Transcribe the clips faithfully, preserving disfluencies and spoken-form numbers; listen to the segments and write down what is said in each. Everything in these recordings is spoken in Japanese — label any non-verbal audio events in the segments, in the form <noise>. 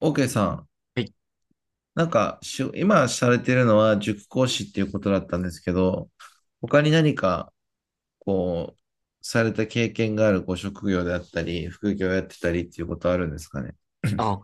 OK さん、はい。なんかしゅ、今されてるのは塾講師っていうことだったんですけど、他に何か、こう、された経験があるご職業であったり、副業やってたりっていうことあるんですかね。あ、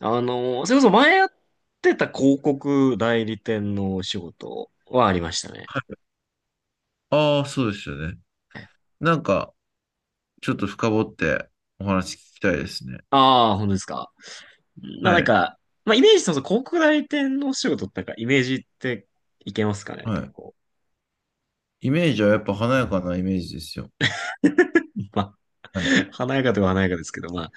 あのーそれこそ前やってた広告代理店のお仕事はありましたね。はい。ああ、そうですよね。なんか、ちょっと深掘ってお話聞きたいですね。ああ、本当ですか。まあはなんい。か、まあイメージ、その広告代理店のお仕事ってなんかイメージっていけますかね、は結い。構。イメージはやっぱ華やかなイメージですよ。まあ、はい。<laughs> 華やかでは華やかですけど、ま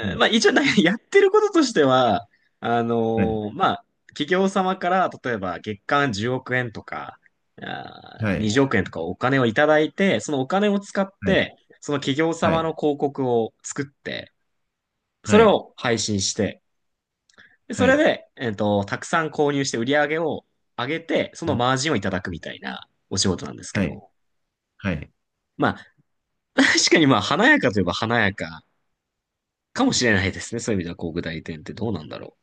はーまあい。一応な <laughs> やってることとしては、あはい。のーまあ企業様から例えば月間じゅうおく円とか、あはー、い。にじゅうおく円とかお金をいただいて、そのお金を使って、はその企業様い。の広告を作って、そはれい。を配信して、でそはい。はれい。で、えっと、たくさん購入して売り上げを上げて、そうのん。マージンをいただくみたいなお仕事なんですけはい。ど、はい。まあ <laughs> 確かにまあ華やかといえば華やかかもしれないですね。そういう意味ではこう具体点ってどうなんだろ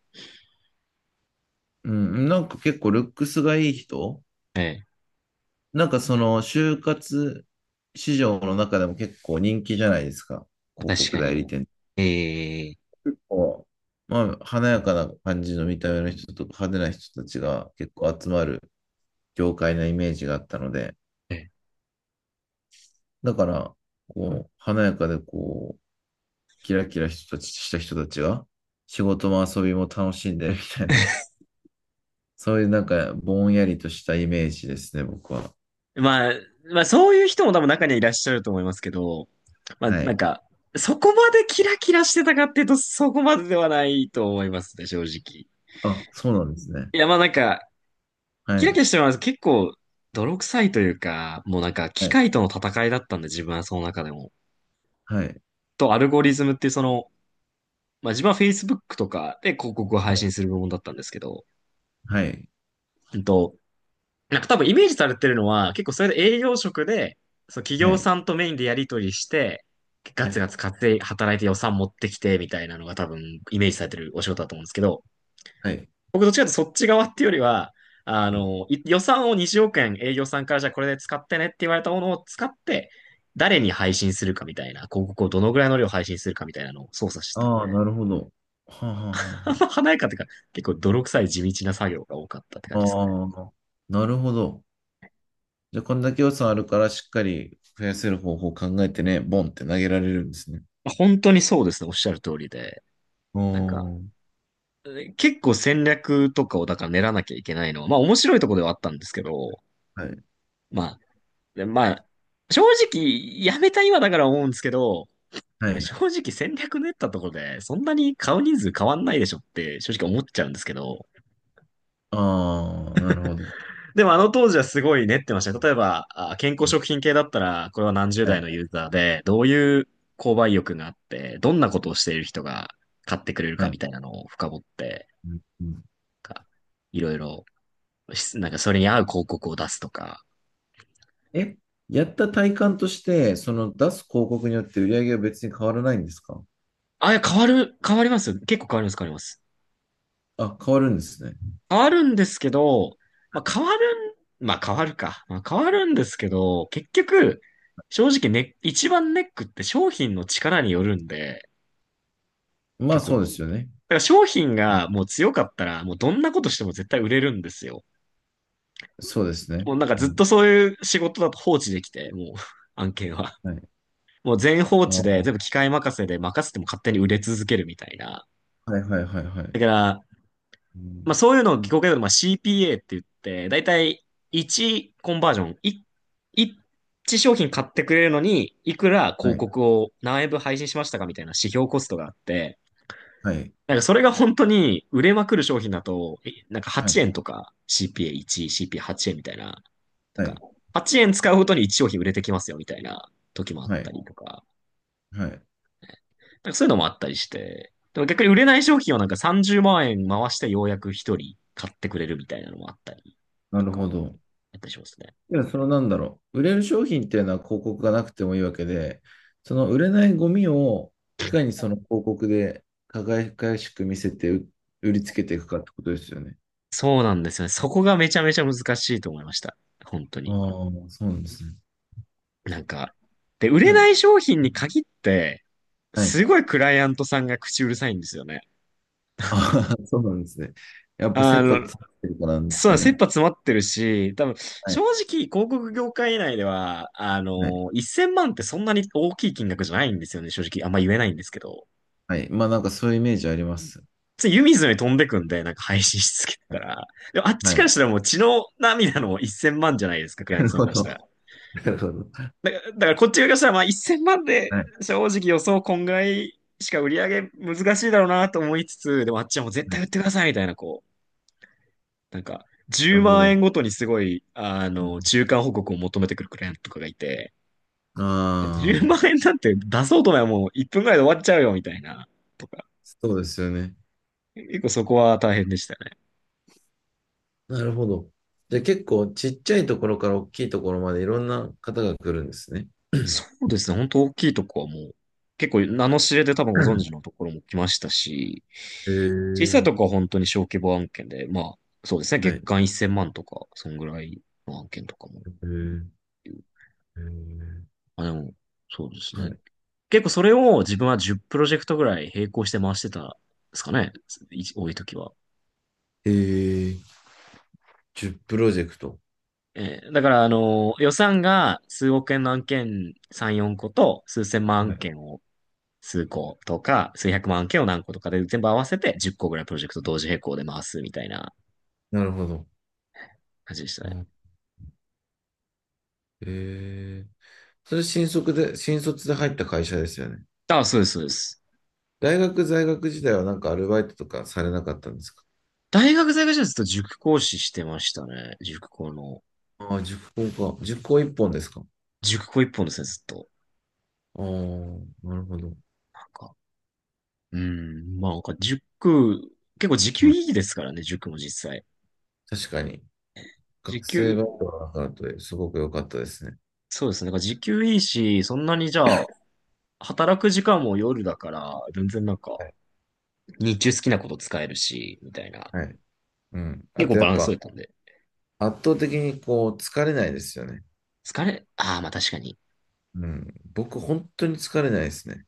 うん。なんか結構ルックスがいい人、う。ええなんかその就活市場の中でも結構人気じゃないですか。広確告か代理に。店。ええ結構、まあ、華やかな感じの見た目の人とか派手な人たちが結構集まる業界なイメージがあったので、えだから、こう、華やかでこう、キラキラ人たちした人たちが仕事も遊びも楽しんでるみたいな、<laughs> そういうなんかぼんやりとしたイメージですね、僕は。まあ、まあそういう人も多分中にはいらっしゃると思いますけど、まあはなんい。か、そこまでキラキラしてたかっていうとそこまでではないと思いますね、正直。あ、そうなんですね。いやまあなんか、はキラキラい。してます。結構、泥臭いというか、もうなんかは機い。械との戦いだったんで自分はその中でも。はい。と、アルゴリズムっていうその、まあ自分は フェイスブック とかで広告を配はい。信する部門だったんですけど、はい。うんと、なんか多分イメージされてるのは、結構それで営業職で、そう企は業い。さんとメインでやり取りして、ガはツい。ガツ稼い、働いて予算持ってきて、みたいなのが多分イメージされてるお仕事だと思うんですけど、はい。僕どっちかというとそっち側っていうよりは、あの、い予算をにじゅうおく円営業さんからじゃあこれで使ってねって言われたものを使って、誰に配信するかみたいな、広告をどのぐらいの量配信するかみたいなのを操作してたんああー、で、なるほど。はあ、はあ、あはんま華やかっていうか、結構泥臭い地道な作業が多かったって感あ、じですはかね。ああー、なるほど。じゃあ、こんだけ予算あるから、しっかり増やせる方法を考えてね、ボンって投げられるんですね。まあ本当にそうですね、おっしゃる通りで。おなんか、ー、結構戦略とかをだから練らなきゃいけないのは、まあ面白いとこではあったんですけど、はい。まあ、でまあ、正直、やめた今だから思うんですけど、はなんかい。正直戦略練ったところで、そんなに買う人数変わんないでしょって正直思っちゃうんですけど、ああ、なるほど。でもあの当時はすごい練ってましたね。例えば、あ健康食品系だったら、これは何十は代い。のユーザーで、どういう購買意欲があって、どんなことをしている人が買ってくれるはかい。みたいなのを深掘って、うんうん。なんかいろいろ、しなんかそれに合う広告を出すとか、え、やった体感として、その出す広告によって売り上げは別に変わらないんですか？あ、いや、変わる、変わりますよ。結構変わります、変わります。あ、変わるんですね。変わるんですけど、まあ、変わるん、まあ、変わるか。まあ、変わるんですけど、結局、正直ね、一番ネックって商品の力によるんで、まあ、結局そうだでかすよね。ら商品うん。がもう強かったら、もうどんなことしても絶対売れるんですよ。そうですね。もうなんかうずっん。とそういう仕事だと放置できて、もう <laughs> 案件は。はい。もう全放ああ、置で、全は部機械任せで任せても勝手に売れ続けるみたいな。いはいはいはい。だから、うまあん。そういうのを技巧系で、まあ シーピーエー って言って、だいたい1コンバージョン、いいち商品買ってくれるのに、いくらは広い。告を何円分配信しましたかみたいな指標コストがあって、はい、なんかそれが本当に売れまくる商品だと、えなんかははちえんい、とか シーピーエーいち、シーピーエーはち 円みたいな、なんはかい、はちえん使うごとにいち商品売れてきますよみたいな時もあっはたい、りとか。はい。なんかそういうのもあったりして、でも逆に売れない商品をなんかさんじゅうまん円回してようやく一人買ってくれるみたいなのもあったりなとるか、やほど。ったりしますね。いや、そのなんだろう。売れる商品っていうのは広告がなくてもいいわけで、その売れないゴミをいかにその広告で輝かしく見せて、う、売りつけていくかってことですよね。そうなんですよね。そこがめちゃめちゃ難しいと思いました。本当あに。あ、そうなんですね。なんか、で、売れはない。い商品に限って、はい。すご <laughs> いクライアントさんが口うるさいんですよね。ああ、<laughs> そうなんですね。やっぱあ切羽の、詰まってるからなんですそかう、切ね。羽詰まってるし、多分、は正い。直、広告業界内では、あはい。の、せんまんってそんなに大きい金額じゃないんですよね、正直。あんま言えないんですけど。はい。まあなんかそういうイメージあります。つい湯水のように飛んでくんで、なんか配信し続けはたい。ら。でもあっはちからい。したらもう血の涙のせんまんじゃないですか、クライアなンるトさんほからしたら。ど。なるほど。だから、だからこっち側からしたらまあせんまん <laughs> ではい。正直予想こんぐらいしか売り上げ難しいだろうなと思いつつ、でもあっちはもう絶は対売い。ってくださいみたいな、こう、なんかな10るほ万円ど。ごとにすごい、あうの、ん、中間報告を求めてくるクライアントとかがいて、あ10あ。万円なんて出そうと思えばもういっぷんぐらいで終わっちゃうよみたいな、とか。そうですよね。結構そこは大変でしたね。なるほど。じゃあ結構ちっちゃいところから大きいところまでいろんな方が来るんですね。そうですね。本当大きいとこはもう、結構名の知れて多分ご存知のところも来ましたし、え小さいー、とこは本当に小規模案件で、まあ、そうですね。は月い。間せんまんとか、そんぐらいの案件とかもえー、えー、あ、でも、そうですはね。い。結構それを自分はじゅうプロジェクトぐらい並行して回してたんですかね。い多い時は。えー、じゅうプロジェクト。えーだから、あの、予算が数億円の案件さん、よんこと数千万は案い。件を数個とか、数百万件を何個とかで全部合わせてじゅっこぐらいプロジェクト同時並行で回すみたいななるほど。感じでしたうね。ん。えー、それ新卒で、新卒で入った会社ですよね。あ、そうです、そうです。大学在学時代はなんかアルバイトとかされなかったんですか？大学在学中ずっと塾講師してましたね。塾講の。ああー、塾講か。塾講一本ですか？あ塾講一本ですね、ずっと。あー、なるほど。なんか、うーん、まあなんか塾、結構時給はい。いいですからね、塾も実際。確かに。時学生給、バイトはワークアトですごく良かったですね。そうですね。なんか時給いいし、そんなにじゃあ、働く時間も夜だから、全然なんか、はい。日中好きなこと使えるし、みたいな。はい。うん。あ結構とやバっランス取れぱたんで。圧倒的にこう疲れないですよね。疲れ、ああ、まあ確かにうん。僕本当に疲れないですね。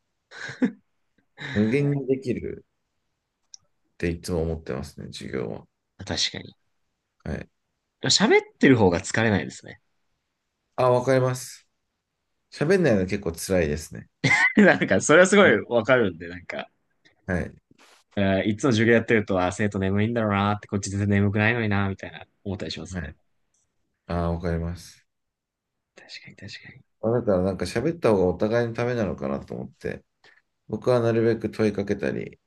無限にできるっていつも思ってますね、授業は。確かに。はい。喋ってる方が疲れないですね。あ、わかります。喋んないの結構辛いですね。<laughs> なんか、それはすごあいの、わかるんで、なんか、はい。えーいつも授業やってると、あー、生徒眠いんだろうなーって、こっち全然眠くないのになーみたいな、思ったりしますはね。い。あ、わかります。確かに確かに。いまあだからなんか喋った方がお互いのためなのかなと思って、僕はなるべく問いかけたり、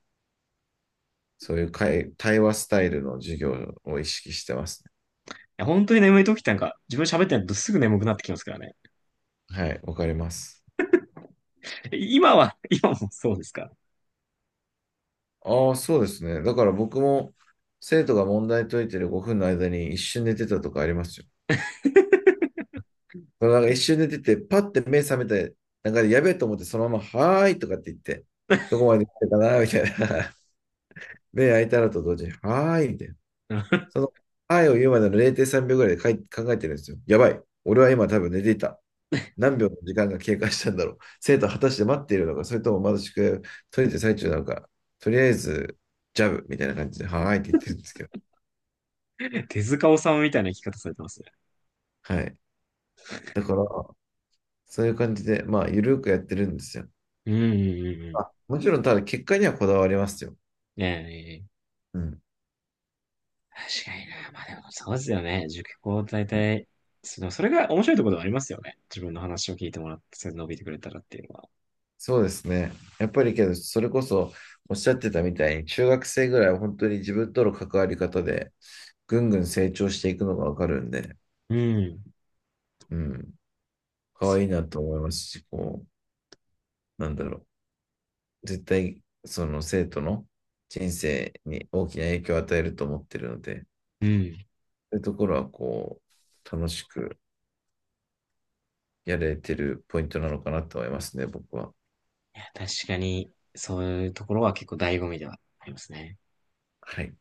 そういう会、対話スタイルの授業を意識してますね。や、本当に眠い時ってなんか、自分喋ってないとすぐ眠くなってきますからね。はい。わかります。え今は、今もそうですか？ ああ、そうですね。だから僕も生徒が問題解いてるごふんの間に一瞬寝てたとかありますよ。だからなんか一瞬寝てて、パッて目覚めて、なんかやべえと思ってそのまま、はーいとかって言って、どこまで来てたかなみたいな。<laughs> 目開いたらと同時に、はーいみたいな。<laughs> その、はーいを言うまでのれいてんさんびょうぐらいでかい考えてるんですよ。やばい。俺は今多分寝ていた。何秒の時間が経過したんだろう。生徒は果たして待っているのか、それともまだ宿題を解いてる最中なのか、とりあえず、ジャブみたいな感じで、はーいって言ってるんですけど。手塚治虫みたいな生き方されてますね。はい。だから、そういう感じで、まあ、ゆるくやってるんですよ。うんうんうんうん。あ、もちろん、ただ、結果にはこだわりますよ。ねえ、ねえうん。確かにな。まあでもそうですよね。塾講大はい。体、そのそれが面白いところではありますよね。自分の話を聞いてもらって、それで伸びてくれたらっていうのは。そうですね。やっぱりけど、それこそ、おっしゃってたみたいに、中学生ぐらいは本当に自分との関わり方で、ぐんぐん成長していくのがわかるんで、うん。うん。可愛いそなと思いますし、こう、なんだろう。絶対、その生徒の人生に大きな影響を与えると思ってるので、そう。うん。いういうところは、こう、楽しく、やれてるポイントなのかなと思いますね、僕は。や、確かに、そういうところは結構醍醐味ではありますね。はい。